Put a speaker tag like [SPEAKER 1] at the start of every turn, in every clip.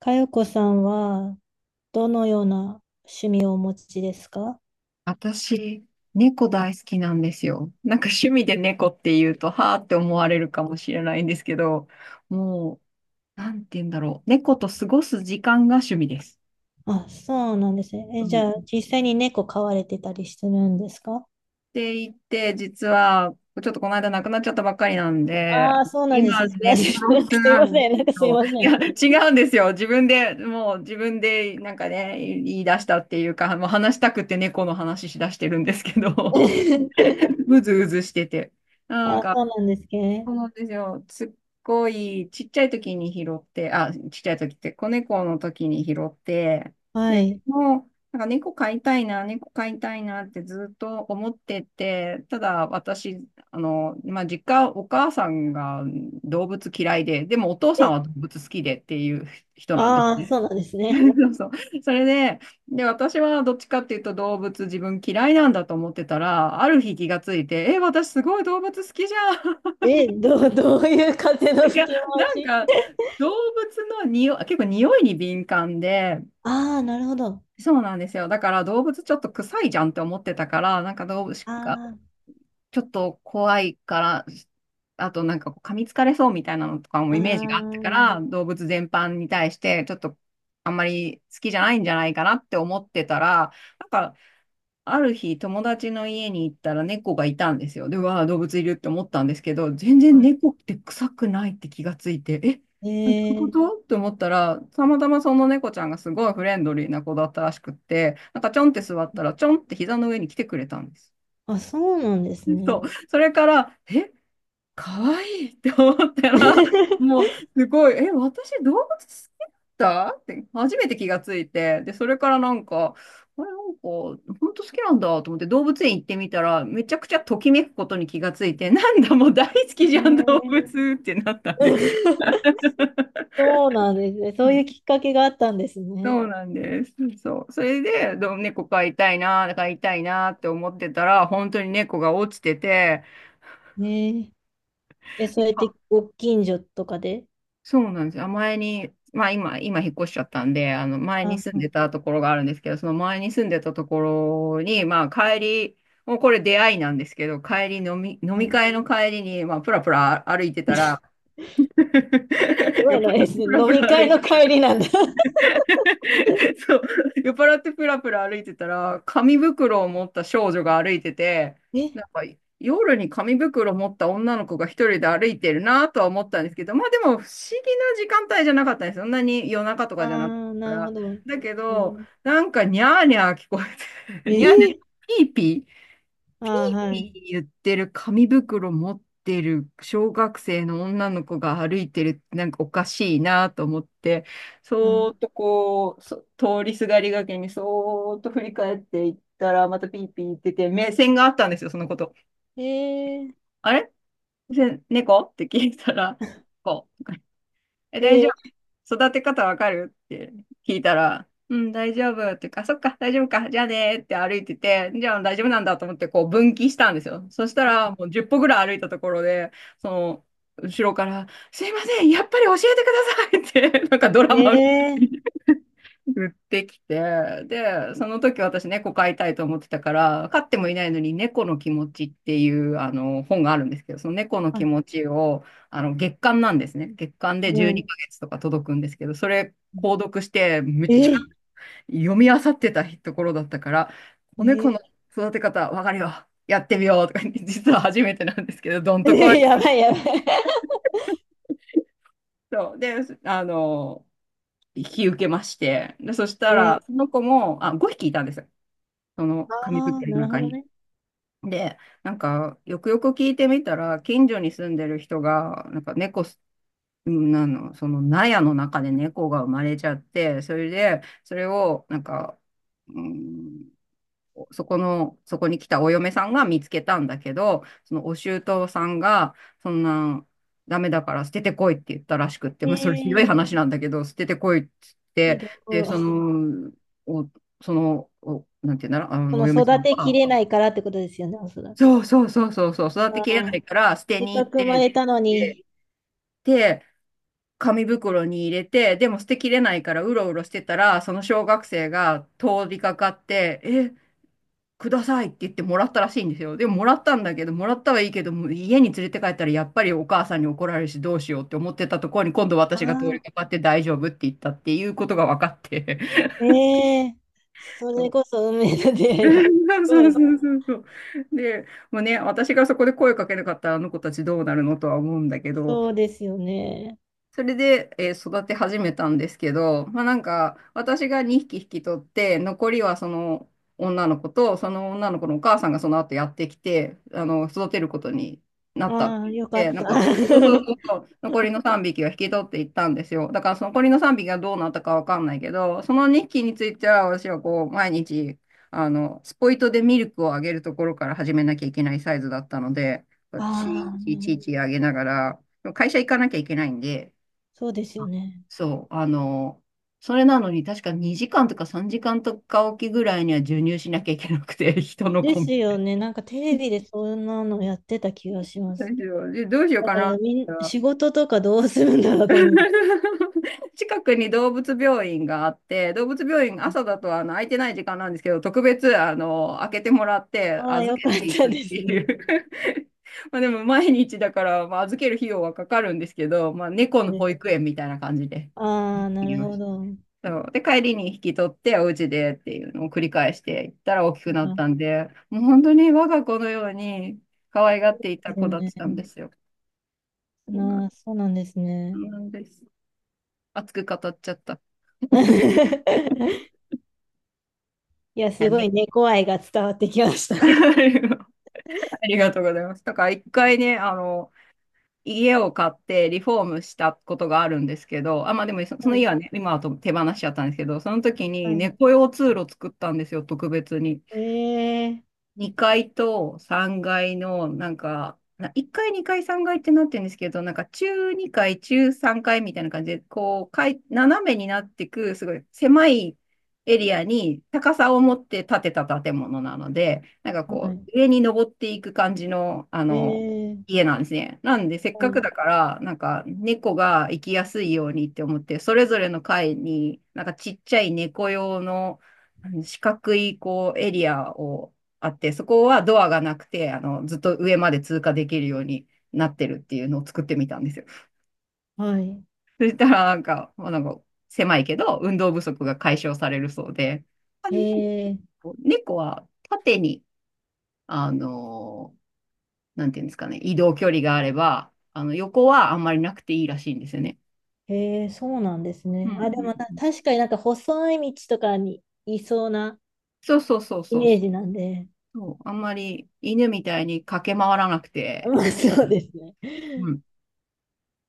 [SPEAKER 1] かよこさんは、どのような趣味をお持ちですか？
[SPEAKER 2] 私、猫大好きなんですよ。なんか趣味で猫って言うと、はーって思われるかもしれないんですけど、もなんて言うんだろう。猫と過ごす時間が趣味です。
[SPEAKER 1] あ、そうなんですね。
[SPEAKER 2] う
[SPEAKER 1] じ
[SPEAKER 2] ん。
[SPEAKER 1] ゃあ、
[SPEAKER 2] っ
[SPEAKER 1] 実際に猫飼われてたりするんですか？
[SPEAKER 2] て言って、実は、ちょっとこの間亡くなっちゃったばっかりなんで、
[SPEAKER 1] ああー、そうなんです。
[SPEAKER 2] 今、
[SPEAKER 1] な
[SPEAKER 2] 猫ロ
[SPEAKER 1] ん
[SPEAKER 2] ス
[SPEAKER 1] かすい
[SPEAKER 2] な
[SPEAKER 1] ま
[SPEAKER 2] んで
[SPEAKER 1] せん。なんか
[SPEAKER 2] す
[SPEAKER 1] すい
[SPEAKER 2] よ。
[SPEAKER 1] ません。
[SPEAKER 2] いや、違うんですよ。自分で、なんかね、言い出したっていうか、もう話したくて猫の話しだしてるんですけど、うずうずしてて。なん
[SPEAKER 1] あ、
[SPEAKER 2] か、
[SPEAKER 1] そうなんです
[SPEAKER 2] そ
[SPEAKER 1] ね。
[SPEAKER 2] うなんですよ。すっごいちっちゃい時に拾って、あ、ちっちゃい時って子猫の時に拾って、
[SPEAKER 1] は
[SPEAKER 2] で、
[SPEAKER 1] い。
[SPEAKER 2] もう、なんか猫飼いたいなってずっと思ってて、ただ私、まあ、実家、お母さんが動物嫌いで、でもお父さん
[SPEAKER 1] え、
[SPEAKER 2] は動物好きでっていう人なんです
[SPEAKER 1] ああ、
[SPEAKER 2] ね。
[SPEAKER 1] そうなんです ね。
[SPEAKER 2] そうそう。それで、私はどっちかっていうと動物自分嫌いなんだと思ってたら、ある日気がついて、え、私すごい動物好きじゃん。
[SPEAKER 1] え、どういう風の
[SPEAKER 2] い
[SPEAKER 1] 吹
[SPEAKER 2] や、
[SPEAKER 1] き
[SPEAKER 2] な
[SPEAKER 1] 回
[SPEAKER 2] ん
[SPEAKER 1] し？
[SPEAKER 2] か、動物の匂い、結構匂いに敏感で、
[SPEAKER 1] ああー、なるほど。
[SPEAKER 2] そうなんですよ。だから動物ちょっと臭いじゃんって思ってたから、なんか動物が
[SPEAKER 1] あ
[SPEAKER 2] ちょっと怖いから、あとなんかこう噛みつかれそうみたいなのとかも
[SPEAKER 1] あ、あ
[SPEAKER 2] イメージがあった
[SPEAKER 1] あ、
[SPEAKER 2] から、動物全般に対してちょっとあんまり好きじゃないんじゃないかなって思ってたら、なんかある日、友達の家に行ったら猫がいたんですよ。で、うわあ、動物いるって思ったんですけど、全然
[SPEAKER 1] は
[SPEAKER 2] 猫って臭くないって気がついて、え、
[SPEAKER 1] い。
[SPEAKER 2] どういう
[SPEAKER 1] え
[SPEAKER 2] こ
[SPEAKER 1] ー、
[SPEAKER 2] とって思ったら、たまたまその猫ちゃんがすごいフレンドリーな子だったらしくって、なんかちょんって座ったら、ちょんって膝の上に来てくれたんです。
[SPEAKER 1] あ、そうなんですね。
[SPEAKER 2] そう。それから、え、可愛いって思ったら、もうすごい、え、私動物好きだったって初めて気がついて、で、それからなんか、あれ、なんか、本当好きなんだと思って動物園行ってみたら、めちゃくちゃときめくことに気がついて、なんだ、もう大好きじ
[SPEAKER 1] え
[SPEAKER 2] ゃん、動
[SPEAKER 1] ー。
[SPEAKER 2] 物ってなったんですよ。
[SPEAKER 1] そうなんですね。そ
[SPEAKER 2] う
[SPEAKER 1] ういう
[SPEAKER 2] ん、
[SPEAKER 1] きっかけがあったんですね。
[SPEAKER 2] そうなんです。そう。それで、どう猫飼いたいなって思ってたら、本当に猫が落ちてて、
[SPEAKER 1] ねえ。え、そうやってご近所とかで。
[SPEAKER 2] そうなんですよ。前に、まあ今引っ越しちゃったんで、あの前
[SPEAKER 1] あ、
[SPEAKER 2] に
[SPEAKER 1] は
[SPEAKER 2] 住ん
[SPEAKER 1] い、
[SPEAKER 2] でたところがあるんですけど、その前に住んでたところに、まあ帰り、もうこれ出会いなんですけど、帰り飲み、飲
[SPEAKER 1] は
[SPEAKER 2] み
[SPEAKER 1] い。
[SPEAKER 2] 会の帰りに、まあプラプラ歩いてたら、
[SPEAKER 1] すご
[SPEAKER 2] 酔っ払
[SPEAKER 1] い
[SPEAKER 2] っ
[SPEAKER 1] な、え、
[SPEAKER 2] てプラ
[SPEAKER 1] 飲
[SPEAKER 2] プ
[SPEAKER 1] み
[SPEAKER 2] ラ歩
[SPEAKER 1] 会
[SPEAKER 2] い
[SPEAKER 1] の
[SPEAKER 2] て、
[SPEAKER 1] 帰りなんだ。
[SPEAKER 2] そう、酔っ払ってプラプラ歩いてたら、紙袋を持った少女が歩いてて、
[SPEAKER 1] え、
[SPEAKER 2] なんか夜に紙袋を持った女の子が一人で歩いてるなとは思ったんですけど、まあでも不思議な時間帯じゃなかったんですよ。そんなに夜中と
[SPEAKER 1] あ
[SPEAKER 2] かじゃなかっ
[SPEAKER 1] あ、
[SPEAKER 2] た
[SPEAKER 1] な
[SPEAKER 2] か
[SPEAKER 1] るほ
[SPEAKER 2] ら。
[SPEAKER 1] ど。
[SPEAKER 2] だけ
[SPEAKER 1] え
[SPEAKER 2] ど、
[SPEAKER 1] ー、
[SPEAKER 2] なんかニャーニャー聞こえ
[SPEAKER 1] え
[SPEAKER 2] て、ニャーニャー、
[SPEAKER 1] ー、
[SPEAKER 2] ピーピー
[SPEAKER 1] ああ、はい、
[SPEAKER 2] 言ってる紙袋持ってる小学生の女の子が歩いてるってなんかおかしいなと思って、
[SPEAKER 1] は
[SPEAKER 2] そーっと通りすがりがけにそーっと振り返っていったら、またピーピー言ってて、目線があったんですよ、そのこと。
[SPEAKER 1] い。えー、
[SPEAKER 2] あれせ猫って聞いたら、こう。え、大丈
[SPEAKER 1] え
[SPEAKER 2] 夫。育て方わかるって聞いたら、うん、大丈夫っていうか、そっか、大丈夫か、じゃあねーって歩いてて、じゃあ大丈夫なんだと思ってこう分岐したんですよ。そしたら、もう10歩ぐらい歩いたところで、その、後ろから、すいません、やっぱり教えてくださいって、なんかド
[SPEAKER 1] ー、
[SPEAKER 2] ラマみた
[SPEAKER 1] え
[SPEAKER 2] い
[SPEAKER 1] ー、
[SPEAKER 2] に売ってきて、で、その時私猫飼いたいと思ってたから、飼ってもいないのに猫の気持ちっていうあの本があるんですけど、その猫の
[SPEAKER 1] は
[SPEAKER 2] 気
[SPEAKER 1] い、
[SPEAKER 2] 持ちをあの月間なんですね。月間
[SPEAKER 1] は
[SPEAKER 2] で12
[SPEAKER 1] い。
[SPEAKER 2] ヶ月とか届くんですけど、それ購
[SPEAKER 1] え
[SPEAKER 2] 読してめっちゃ
[SPEAKER 1] え
[SPEAKER 2] 読み漁ってたところだったから、
[SPEAKER 1] ー、
[SPEAKER 2] 子猫
[SPEAKER 1] え
[SPEAKER 2] の育て方わかるよ。やってみようとか言って、実は初めてなんですけど、どん
[SPEAKER 1] ー、
[SPEAKER 2] とこい。
[SPEAKER 1] えー、やばいやばい。
[SPEAKER 2] そう。で、あの、引き受けまして、で、そした
[SPEAKER 1] えー、
[SPEAKER 2] ら、その子も、あ、5匹いたんですよ。その
[SPEAKER 1] あ
[SPEAKER 2] 紙
[SPEAKER 1] あ、
[SPEAKER 2] 袋の
[SPEAKER 1] なるほ
[SPEAKER 2] 中
[SPEAKER 1] ど
[SPEAKER 2] に。
[SPEAKER 1] ね。
[SPEAKER 2] で、なんか、よくよく聞いてみたら、近所に住んでる人が、なんか猫す、うんなの、その納屋の中で猫が生まれちゃって、それで、それを、なんか、うん、そこに来たお嫁さんが見つけたんだけど、そのお舅さんが、そんな、ダメだから捨ててこいって言ったらしくって、
[SPEAKER 1] え
[SPEAKER 2] まあ、それひどい
[SPEAKER 1] えー、
[SPEAKER 2] 話なんだけど、捨ててこいって言
[SPEAKER 1] ひ
[SPEAKER 2] って、
[SPEAKER 1] ど
[SPEAKER 2] で、そ
[SPEAKER 1] い。
[SPEAKER 2] の、お、その、お、なんて言うんだろう、あ
[SPEAKER 1] そ
[SPEAKER 2] の、お
[SPEAKER 1] の
[SPEAKER 2] 嫁さ
[SPEAKER 1] 育
[SPEAKER 2] ん
[SPEAKER 1] てき
[SPEAKER 2] は、
[SPEAKER 1] れないからってことですよね、おそらく。
[SPEAKER 2] そうそうそうそうそう、育てきれない
[SPEAKER 1] あ、
[SPEAKER 2] から捨て
[SPEAKER 1] せっ
[SPEAKER 2] に
[SPEAKER 1] か
[SPEAKER 2] 行っ
[SPEAKER 1] く生ま
[SPEAKER 2] て、
[SPEAKER 1] れたの
[SPEAKER 2] で、
[SPEAKER 1] に。
[SPEAKER 2] で、紙袋に入れて、でも捨てきれないからうろうろしてたら、その小学生が通りかかって、え、くださいって言ってもらったらしいんですよ。でももらったんだけど、もらったはいいけど、もう家に連れて帰ったらやっぱりお母さんに怒られるしどうしようって思ってたところに今度私が通り
[SPEAKER 1] あ
[SPEAKER 2] かかって大丈夫って言ったっていうことが分かって。
[SPEAKER 1] あ、ええ、そ
[SPEAKER 2] そ
[SPEAKER 1] れ
[SPEAKER 2] う、
[SPEAKER 1] こそ運命の出 会いです。す
[SPEAKER 2] そう
[SPEAKER 1] ご
[SPEAKER 2] そ
[SPEAKER 1] い
[SPEAKER 2] う
[SPEAKER 1] な。
[SPEAKER 2] そうそう。で、もうね、私がそこで声かけなかったらあの子たちどうなるのとは思うんだけど、
[SPEAKER 1] そうですよね。
[SPEAKER 2] それで、えー育て始めたんですけど、まあなんか、私が2匹引き取って、残りはその女の子と、その女の子のお母さんがその後やってきて、あの、育てることになったっ
[SPEAKER 1] あ
[SPEAKER 2] て
[SPEAKER 1] あ、
[SPEAKER 2] 言っ
[SPEAKER 1] よかっ
[SPEAKER 2] て、なん
[SPEAKER 1] た。あ
[SPEAKER 2] か、そうそうそうそう、残りの3匹は引き取っていったんですよ。だからその残りの3匹がどうなったかわかんないけど、その2匹については私はこう、毎日、あの、スポイトでミルクをあげるところから始めなきゃいけないサイズだったので、
[SPEAKER 1] あ、
[SPEAKER 2] ち
[SPEAKER 1] な
[SPEAKER 2] い
[SPEAKER 1] る
[SPEAKER 2] ちい
[SPEAKER 1] ほ
[SPEAKER 2] ちい
[SPEAKER 1] ど。
[SPEAKER 2] ちあげながら、会社行かなきゃいけないんで、
[SPEAKER 1] そうですよね。
[SPEAKER 2] そう、あの、それなのに確か2時間とか3時間とかおきぐらいには授乳しなきゃいけなくて、人の
[SPEAKER 1] で
[SPEAKER 2] コン
[SPEAKER 1] す
[SPEAKER 2] ビ
[SPEAKER 1] よね。なんかテレビでそんなのやってた気がしま
[SPEAKER 2] どう
[SPEAKER 1] す。
[SPEAKER 2] しよう、でどうしよう
[SPEAKER 1] だ
[SPEAKER 2] か
[SPEAKER 1] か
[SPEAKER 2] な。
[SPEAKER 1] らみん、仕事とかどうするんだろうと思う。
[SPEAKER 2] 近くに動物病院があって、動物病院、朝だとあの空いてない時間なんですけど、特別あの開けてもらって
[SPEAKER 1] ああ、
[SPEAKER 2] 預
[SPEAKER 1] よ
[SPEAKER 2] け
[SPEAKER 1] かっ
[SPEAKER 2] てい
[SPEAKER 1] た
[SPEAKER 2] くっ
[SPEAKER 1] で
[SPEAKER 2] て
[SPEAKER 1] す
[SPEAKER 2] い
[SPEAKER 1] ね。
[SPEAKER 2] う、 まあでも毎日だから、まあ、預ける費用はかかるんですけど、まあ、猫
[SPEAKER 1] そう
[SPEAKER 2] の
[SPEAKER 1] で
[SPEAKER 2] 保
[SPEAKER 1] す。
[SPEAKER 2] 育園みたいな感じで
[SPEAKER 1] ああ、
[SPEAKER 2] 行
[SPEAKER 1] な
[SPEAKER 2] き
[SPEAKER 1] る
[SPEAKER 2] ま
[SPEAKER 1] ほ
[SPEAKER 2] し
[SPEAKER 1] ど。
[SPEAKER 2] た。そうで、帰りに引き取って、お家でっていうのを繰り返していったら大き
[SPEAKER 1] あ
[SPEAKER 2] くなっ
[SPEAKER 1] あ、
[SPEAKER 2] たんで、もう本当に我が子のように可愛がっていた
[SPEAKER 1] ですよ
[SPEAKER 2] 子だっ
[SPEAKER 1] ね。
[SPEAKER 2] たんですよ。そうなん
[SPEAKER 1] なあ、そうなんですね。
[SPEAKER 2] です。熱く語っちゃった。
[SPEAKER 1] いや、
[SPEAKER 2] な
[SPEAKER 1] す
[SPEAKER 2] ん
[SPEAKER 1] ご
[SPEAKER 2] で
[SPEAKER 1] い猫愛が伝わってきました。
[SPEAKER 2] ありがとうございます。だから一回ね、家を買ってリフォームしたことがあるんですけど、あ、まあでもそ
[SPEAKER 1] は
[SPEAKER 2] の家
[SPEAKER 1] い、
[SPEAKER 2] はね、今はと手放しちゃったんですけど、その時
[SPEAKER 1] は
[SPEAKER 2] に
[SPEAKER 1] い。
[SPEAKER 2] 猫用通路作ったんですよ、特別に。
[SPEAKER 1] ええ。
[SPEAKER 2] 2階と3階の、1階、2階、3階ってなってるんですけど、なんか中2階、中3階みたいな感じで、こう、かい斜めになってく、すごい狭いエリアに高さを持って建てた建物なので、なんか
[SPEAKER 1] は
[SPEAKER 2] こ
[SPEAKER 1] い。
[SPEAKER 2] う、上に登っていく感じの、
[SPEAKER 1] えー。
[SPEAKER 2] 家なんですね。なんで、せっ
[SPEAKER 1] は
[SPEAKER 2] かく
[SPEAKER 1] い。
[SPEAKER 2] だから、なんか猫が行きやすいようにって思って、それぞれの階に、なんかちっちゃい猫用の、あの四角いこうエリアをあって、そこはドアがなくて、ずっと上まで通過できるようになってるっていうのを作ってみたんですよ。
[SPEAKER 1] はい。
[SPEAKER 2] そしたら、狭いけど、運動不足が解消されるそうで、あ
[SPEAKER 1] へえ、
[SPEAKER 2] 猫は縦に、あの、なんていうんですかね、移動距離があれば、あの、横はあんまりなくていいらしいんですよね。
[SPEAKER 1] へえ、そうなんです
[SPEAKER 2] うん
[SPEAKER 1] ね。
[SPEAKER 2] う
[SPEAKER 1] あ、でも
[SPEAKER 2] ん
[SPEAKER 1] な、
[SPEAKER 2] うん、
[SPEAKER 1] 確かになんか細い道とかにいそうな
[SPEAKER 2] そうそうそう
[SPEAKER 1] イ
[SPEAKER 2] そう
[SPEAKER 1] メー
[SPEAKER 2] そ
[SPEAKER 1] ジなんで。
[SPEAKER 2] う。あんまり犬みたいに駆け回らなく
[SPEAKER 1] ま
[SPEAKER 2] て、
[SPEAKER 1] あ、そうですね。
[SPEAKER 2] う ん、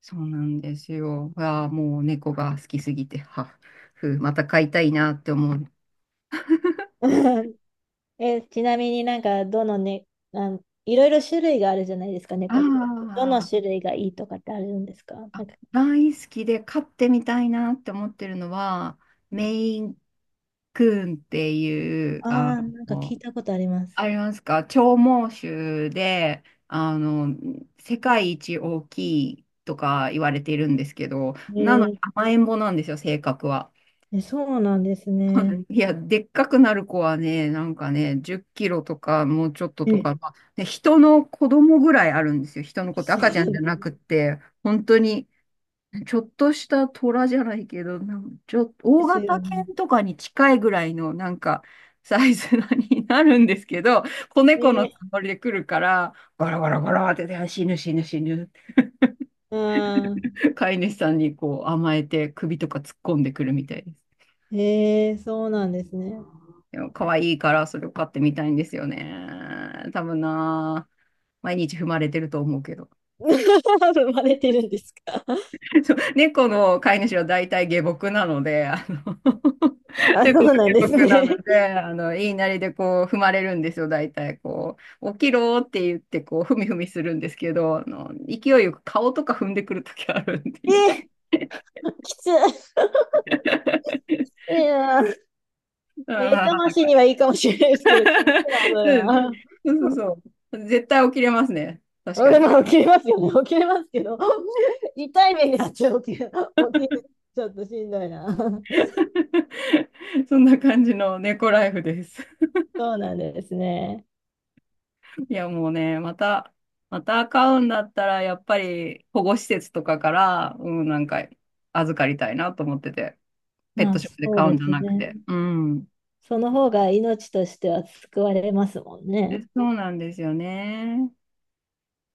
[SPEAKER 2] そうなんですよ。ああ、もう猫が好きすぎて、また飼いたいなって思う。
[SPEAKER 1] うん。え、ちなみになんか、どのね、いろいろ種類があるじゃないですか、
[SPEAKER 2] あー
[SPEAKER 1] 猫って。どの
[SPEAKER 2] あ、
[SPEAKER 1] 種類がいいとかってあるんですか、な
[SPEAKER 2] あ
[SPEAKER 1] んか。
[SPEAKER 2] 大好きで飼ってみたいなって思ってるのは、メインクーンっていう、
[SPEAKER 1] ああ、なんか聞
[SPEAKER 2] の、
[SPEAKER 1] いたことあります。
[SPEAKER 2] ありますか、長毛種で、世界一大きいとか言われているんですけど、
[SPEAKER 1] へ
[SPEAKER 2] なのに
[SPEAKER 1] え。
[SPEAKER 2] 甘えん坊なんですよ、性格は。
[SPEAKER 1] え、そうなんですね。
[SPEAKER 2] いや、でっかくなる子はね、なんかね、10キロとか、もうちょっと
[SPEAKER 1] え
[SPEAKER 2] と
[SPEAKER 1] え、
[SPEAKER 2] か、まあ、ね、人の子供ぐらいあるんですよ。人の子って
[SPEAKER 1] そ
[SPEAKER 2] 赤ちゃんじゃ
[SPEAKER 1] う
[SPEAKER 2] なくって、本当に、ちょっとした虎じゃないけど、ちょっと、
[SPEAKER 1] で
[SPEAKER 2] 大
[SPEAKER 1] すよ
[SPEAKER 2] 型
[SPEAKER 1] ね。
[SPEAKER 2] 犬とかに近いぐらいの、なんか、サイズになるんですけど、子猫の
[SPEAKER 1] ね、
[SPEAKER 2] つもりで来るから、ゴロゴロゴロって、死ぬ死ぬ死ぬ、
[SPEAKER 1] あ
[SPEAKER 2] 飼い主さんにこう甘えて首とか突っ込んでくるみたいです。
[SPEAKER 1] ー、えー、そうなんですね。
[SPEAKER 2] 可愛いからそれを買ってみたいんですよね。多分な、毎日踏まれてると思うけど。
[SPEAKER 1] 生まれてるんですか？
[SPEAKER 2] そう猫の飼い主は大体下僕なので、
[SPEAKER 1] あ、そ
[SPEAKER 2] 猫の
[SPEAKER 1] うなんで
[SPEAKER 2] 下
[SPEAKER 1] す
[SPEAKER 2] 僕なの
[SPEAKER 1] ね。
[SPEAKER 2] で、言いなりでこう踏まれるんですよ、大体。こう、起きろって言ってこう、ふみふみするんですけど、勢いよく顔とか踏んでくるときあるんで、
[SPEAKER 1] え
[SPEAKER 2] 痛い。
[SPEAKER 1] ー、きつい な。目
[SPEAKER 2] あな
[SPEAKER 1] 覚
[SPEAKER 2] か
[SPEAKER 1] ま
[SPEAKER 2] な
[SPEAKER 1] し
[SPEAKER 2] か。
[SPEAKER 1] にはいいかもしれないですけど、きついな、それ は。
[SPEAKER 2] そうそうそうそう。絶対起きれますね。確か
[SPEAKER 1] 俺
[SPEAKER 2] に。
[SPEAKER 1] も起きれますよね。起きれますけど、痛い目にあっちゃう。起きる、起きる。ちょっとしんどいな。
[SPEAKER 2] そんな感じの猫ライフです。
[SPEAKER 1] そうなんですね。
[SPEAKER 2] いや、もうね、また飼うんだったら、やっぱり保護施設とかから、うん、なんか預かりたいなと思ってて、ペッ
[SPEAKER 1] ま
[SPEAKER 2] ト
[SPEAKER 1] あ、
[SPEAKER 2] ショップで
[SPEAKER 1] そう
[SPEAKER 2] 飼う
[SPEAKER 1] で
[SPEAKER 2] んじゃ
[SPEAKER 1] す
[SPEAKER 2] なく
[SPEAKER 1] ね。
[SPEAKER 2] て。うん。
[SPEAKER 1] その方が命としては救われますもん
[SPEAKER 2] で
[SPEAKER 1] ね。
[SPEAKER 2] そうなんですよね。